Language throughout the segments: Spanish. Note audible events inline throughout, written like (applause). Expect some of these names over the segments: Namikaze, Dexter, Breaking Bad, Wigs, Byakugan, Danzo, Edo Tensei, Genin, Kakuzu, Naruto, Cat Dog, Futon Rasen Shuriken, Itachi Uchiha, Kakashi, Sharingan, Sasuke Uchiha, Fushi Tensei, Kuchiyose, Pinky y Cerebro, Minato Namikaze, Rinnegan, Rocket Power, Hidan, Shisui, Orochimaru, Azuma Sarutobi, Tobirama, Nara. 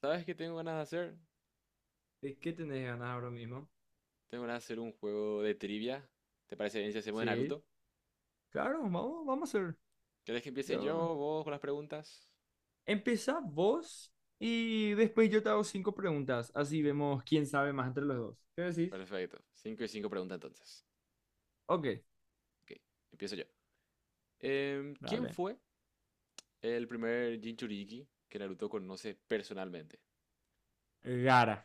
¿Sabes qué tengo ganas de hacer? ¿De qué tenés ganas ahora mismo? Tengo ganas de hacer un juego de trivia. ¿Te parece bien si hacemos de Sí, Naruto? claro, vamos, vamos a hacer. ¿Querés que empiece Yo... yo, vos, con las preguntas? Empezá vos y después yo te hago cinco preguntas. Así vemos quién sabe más entre los dos. ¿Qué decís? Perfecto. Cinco y cinco preguntas entonces. Ok. Ok, empiezo yo. ¿Quién Dale. fue el primer Jinchuriki que Naruto conoce personalmente? Gara.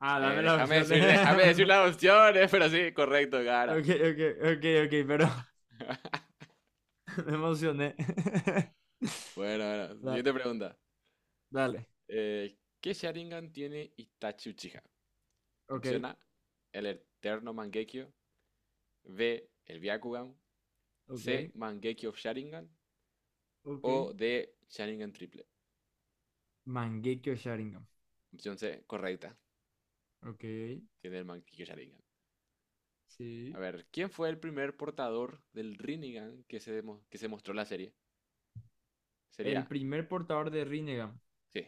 Ah, dame las opciones. Déjame decir las (laughs) opciones, pero sí, correcto, Gara. Ok, ok, ok, ok, pero (laughs) (laughs) Me emocioné. (laughs) Bueno, bueno, Da- siguiente pregunta. Dale. ¿Qué Sharingan tiene Itachi Uchiha? Ok, Opción A, el Eterno Mangekyo. B, el Byakugan. C. ok, Mangeki of Sharingan. ok. O D. Sharingan triple. Mangekyo Sharingan. Opción C, correcta. Ok, Tiene el Mangeki Sharingan. A sí. ver, ¿quién fue el primer portador del Rinnegan que se mostró en la serie? El Sería, primer portador de Rinnegan. sí,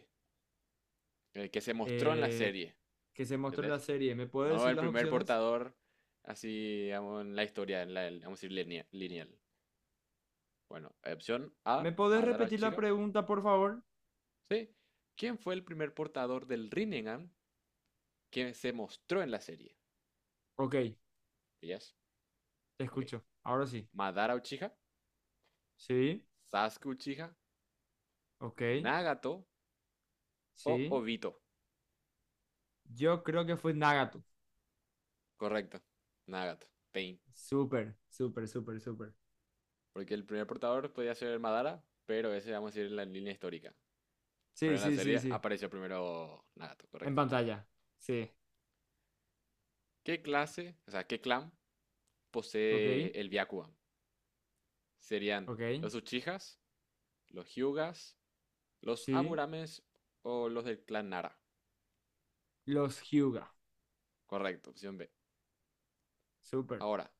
el que se mostró en la Eh, serie, que se mostró en la ¿entendés? serie. ¿Me puedes No decir el las primer opciones? portador así, digamos, en la historia, en la, vamos a decir, lineal. Bueno, opción A, ¿Me podés Madara repetir la Chica. pregunta, por favor? Sí. ¿Quién fue el primer portador del Rinnegan que se mostró en la serie? Ok, ¿Ellas? te Ok. escucho. Ahora sí. ¿Madara Uchiha? Sí, Sasuke Uchiha, ok, Nagato o sí. Obito. Yo creo que fue Nagato. Correcto, Nagato, Pain. Súper, súper, súper, súper. Porque el primer portador podía ser Madara, pero ese vamos a ir en la línea histórica. Pero Sí, en la sí, sí, serie sí. apareció primero Nagato, En correcto. pantalla. Sí, ¿Qué clase, o sea, qué clan ok, posee el Byakugan? ¿Serían ok, los Uchihas, los Hyugas, los sí. Aburames o los del clan Nara? Los Hyuga. Correcto, opción B. Súper. Ahora,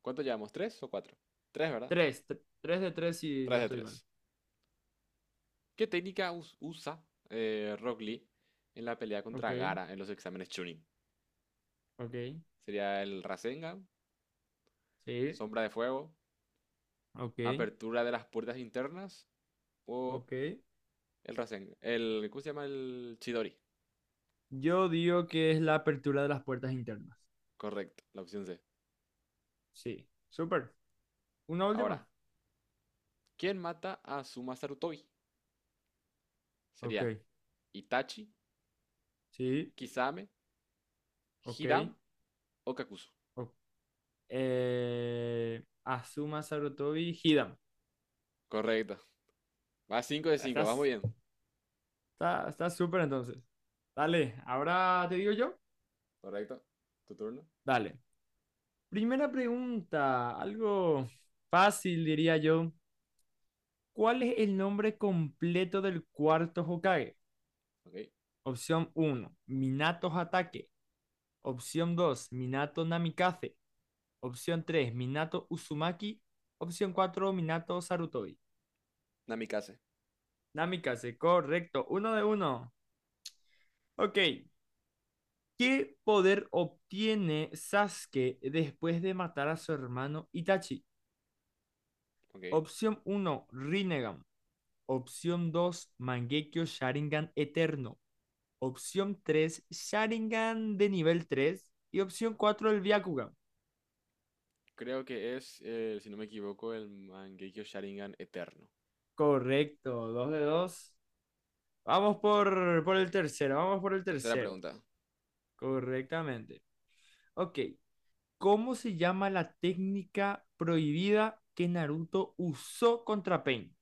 ¿cuánto llevamos? ¿Tres o cuatro? Tres, ¿verdad? Tres de tres si no Tres de estoy tres. mal. ¿Qué técnica usa Rock Lee en la pelea contra Ok, Gara en los exámenes Chunin? ok, ¿Sería el Rasengan, sí, Sombra de Fuego, ok, Apertura de las Puertas Internas o ok. el Rasengan? El, ¿cómo se llama? El Chidori. Yo digo que es la apertura de las puertas internas. Correcto, la opción C. Sí, súper. ¿Una Ahora, última? ¿quién mata a Suma Sarutobi? ¿Sería Ok, Itachi, sí, Kisame, ok. Hiram o Kakuzu? o- Azuma Sarutobi Hidan. Correcto. Va 5 de 5, vamos Estás, bien. está súper entonces. Dale, ahora te digo yo. Correcto. ¿Tu turno? Dale. Primera pregunta, algo fácil diría yo. ¿Cuál es el nombre completo del cuarto Hokage? Ok, Opción uno, Minato Hatake. Opción 2, Minato Namikaze. Opción 3 Minato Uzumaki. Opción 4 Minato Sarutobi. Namikaze. Namikaze, correcto. Uno de uno. Ok. ¿Qué poder obtiene Sasuke después de matar a su hermano Itachi? Ok. Opción uno Rinnegan. Opción 2 Mangekyo Sharingan Eterno. Opción 3 Sharingan de nivel tres Y opción 4 el Byakugan. Creo que es, si no me equivoco, el Mangekyo Sharingan Eterno. Correcto, dos de dos. Vamos por el tercero, vamos por el Tercera tercero. pregunta. Correctamente. Ok, ¿cómo se llama la técnica prohibida que Naruto usó contra Pain?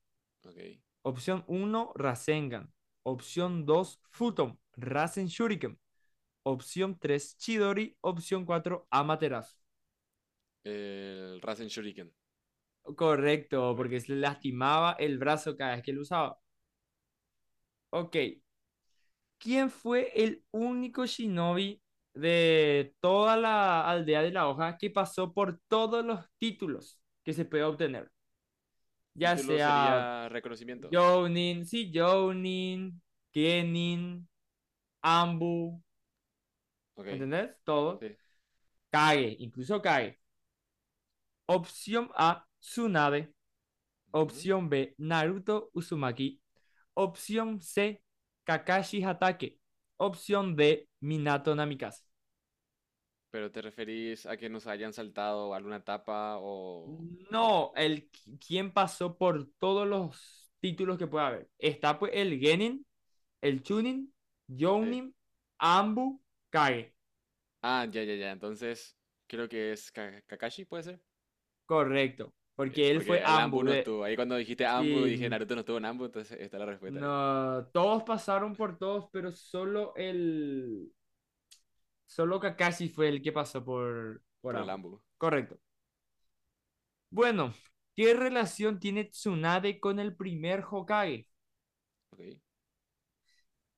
Ok. Opción uno Rasengan. Opción 2 Futon, Rasen Shuriken. Opción 3 Chidori. Opción 4 Amaterasu. El Rasen Shuriken. Correcto, porque Correcto. se le lastimaba el brazo cada vez que lo usaba. Ok, ¿quién fue el único shinobi de toda la aldea de la hoja que pasó por todos los títulos que se puede obtener? Ya Título sea sería Reconocimientos. Jounin, sí, Jounin, Kenin, Ambu, Ok, ¿entendés? Todo. sí. Kage, incluso Kage. Opción A, Tsunade. Ujú. Opción B, Naruto Uzumaki. Opción C, Kakashi Hatake. Opción D, Minato Namikaze. Pero te referís a que nos hayan saltado alguna etapa o... ¿Cómo? No, el quien pasó por todos los títulos que puede haber. Está pues el Genin, el Chunin, Sí. Jounin, Ambu, Kage. Ah, ya, ya, ya. Entonces, creo que es Kakashi, ¿puede ser? Correcto, Bien, porque él fue porque el Ambu Ambu. no De, estuvo. Ahí cuando dijiste Ambu, dije sí, Naruto no estuvo en Ambu, entonces está la respuesta ahí. no, todos pasaron por todos, pero solo Kakashi fue el que pasó por Por el Ambu. Ambu. Sí. Correcto. Bueno, ¿qué relación tiene Tsunade con el primer Hokage? Ok.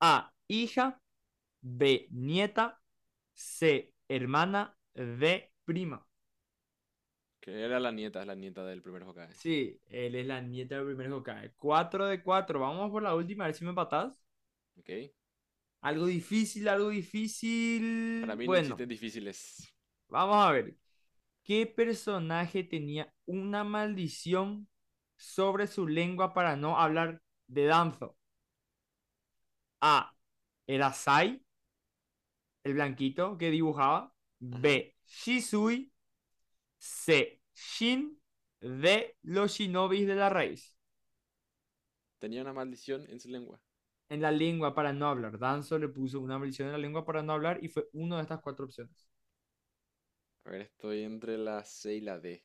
A, hija, B, nieta, C, hermana, D, prima. Que era la nieta del primer Hokage. Sí, él es la nieta del primer Hokage. 4 de cuatro. Vamos por la última, a ver si me empatás. Ok. Algo difícil, algo Para difícil. mí no Bueno, existen difíciles. vamos a ver. ¿Qué personaje tenía una maldición sobre su lengua para no hablar de Danzo? A. Era Sai, el blanquito que dibujaba. Ajá. B. Shisui. C. Shin. D. Los shinobis de la raíz. Tenía una maldición en su lengua. En la lengua para no hablar. Danzo le puso una maldición en la lengua para no hablar y fue una de estas cuatro opciones. A ver, estoy entre la C y la D.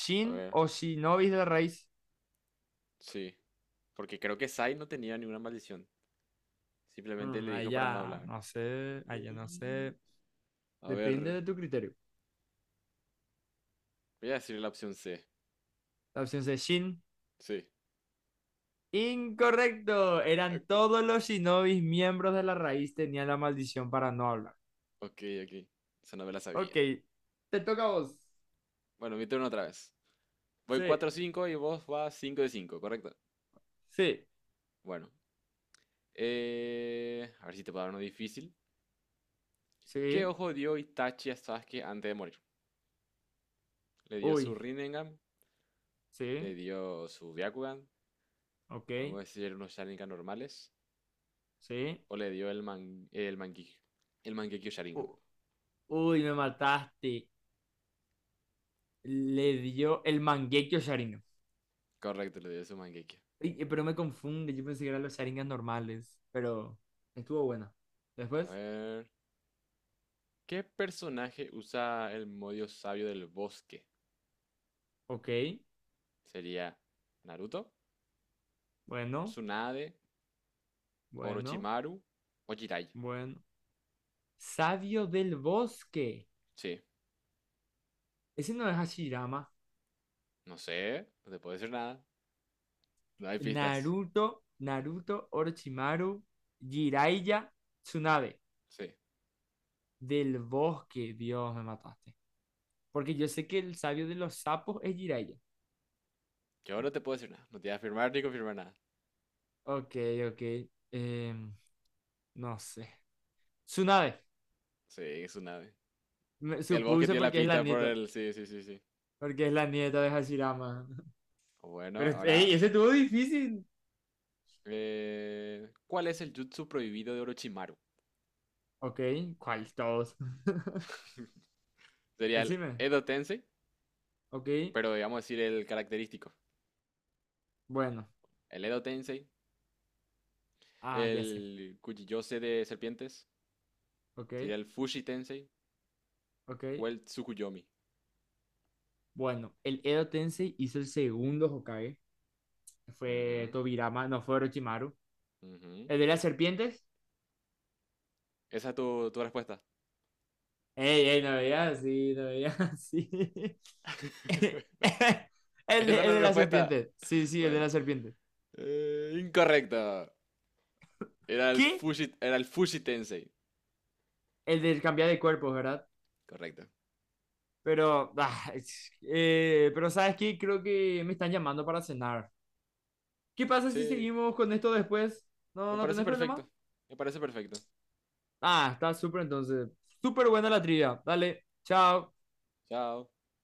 Shin A ver, o shinobis de la raíz. sí. Porque creo que Sai no tenía ninguna maldición. Simplemente le Ahí dijo para no ya hablar. no sé, ahí ya no Mm. sé. A Depende de ver, tu criterio. voy a decir la opción C. La opción C, Shin. Sí. Incorrecto. Ah, Eran co- todos los shinobis miembros de la raíz tenían la maldición para no hablar. Ok, ok. Esa no me la Ok, sabía. te toca a vos. Bueno, mi turno otra vez. Voy Sí, 4 cinco y vos vas 5 de 5, ¿correcto? sí, Bueno, a ver si te puedo dar uno difícil. ¿Qué sí. ojo dio Itachi a Sasuke antes de morir? Le dio su Uy, Rinnegan, le sí, dio su Byakugan, ok, vamos a decir unos Sharingan normales, sí. o le dio el, man, el Mangekyo. El Mangekyo U- Sharingan. uy, me mataste. Le dio el Mangekyo Sharingan. Correcto, le dio su Mangekyo. Uy, pero me confunde, yo pensé que eran los Sharingan normales, pero estuvo buena. A Después, ver. ¿Qué personaje usa el modo sabio del bosque? ok. ¿Sería Naruto, Bueno, Tsunade, bueno, Orochimaru o Jiraiya? bueno. Sabio del bosque. Sí, Ese no es Hashirama. no sé, no te puedo decir nada. No hay pistas. Naruto, Naruto, Orochimaru, Jiraiya, Tsunade. Sí, Del bosque, Dios, me mataste. Porque yo sé que el sabio de los sapos es Jiraiya. yo no te puedo decir nada. No te voy a afirmar ni confirmar nada. Ok, ok. em, no sé. Tsunade. Sí, Tsunade. Me El bosque supuse tiene la porque es la pista por nieta. el. Sí, sí, sí, sí. Porque es la nieta de Hashirama. (laughs) Bueno, Pero, ahora, ey, ese estuvo difícil. ¿Cuál es el jutsu prohibido de Orochimaru? Ok, ¿cuál? Todos. (laughs) (laughs) Sería el Decime. Edo Tensei, Ok. pero digamos decir el característico. Bueno, El Edo Tensei, ah, ya sé. el Kuchiyose de serpientes, Ok, sería el Fushi Tensei ok. o el Tsukuyomi. Bueno, el Edo Tensei hizo el segundo Hokage. Fue Ujú, Tobirama, no fue Orochimaru. ujú. ¿El de las serpientes? Esa es tu, tu respuesta. Ey, ey, no veía así, no veía así. (laughs) (laughs) Esa es el la de las respuesta. serpientes. Sí, sí, el de Bueno, las serpientes. Incorrecto. ¿Qué? Era el Fushi Tensei. El del cambiar de cuerpos, ¿verdad? Correcto. Pero, ah, pero ¿sabes qué? Creo que me están llamando para cenar. ¿Qué pasa si Sí, seguimos con esto después? ¿No, me no parece tenés problema? perfecto. Me parece perfecto. Ah, está súper entonces. Súper buena la trivia. Dale, chao. Chao.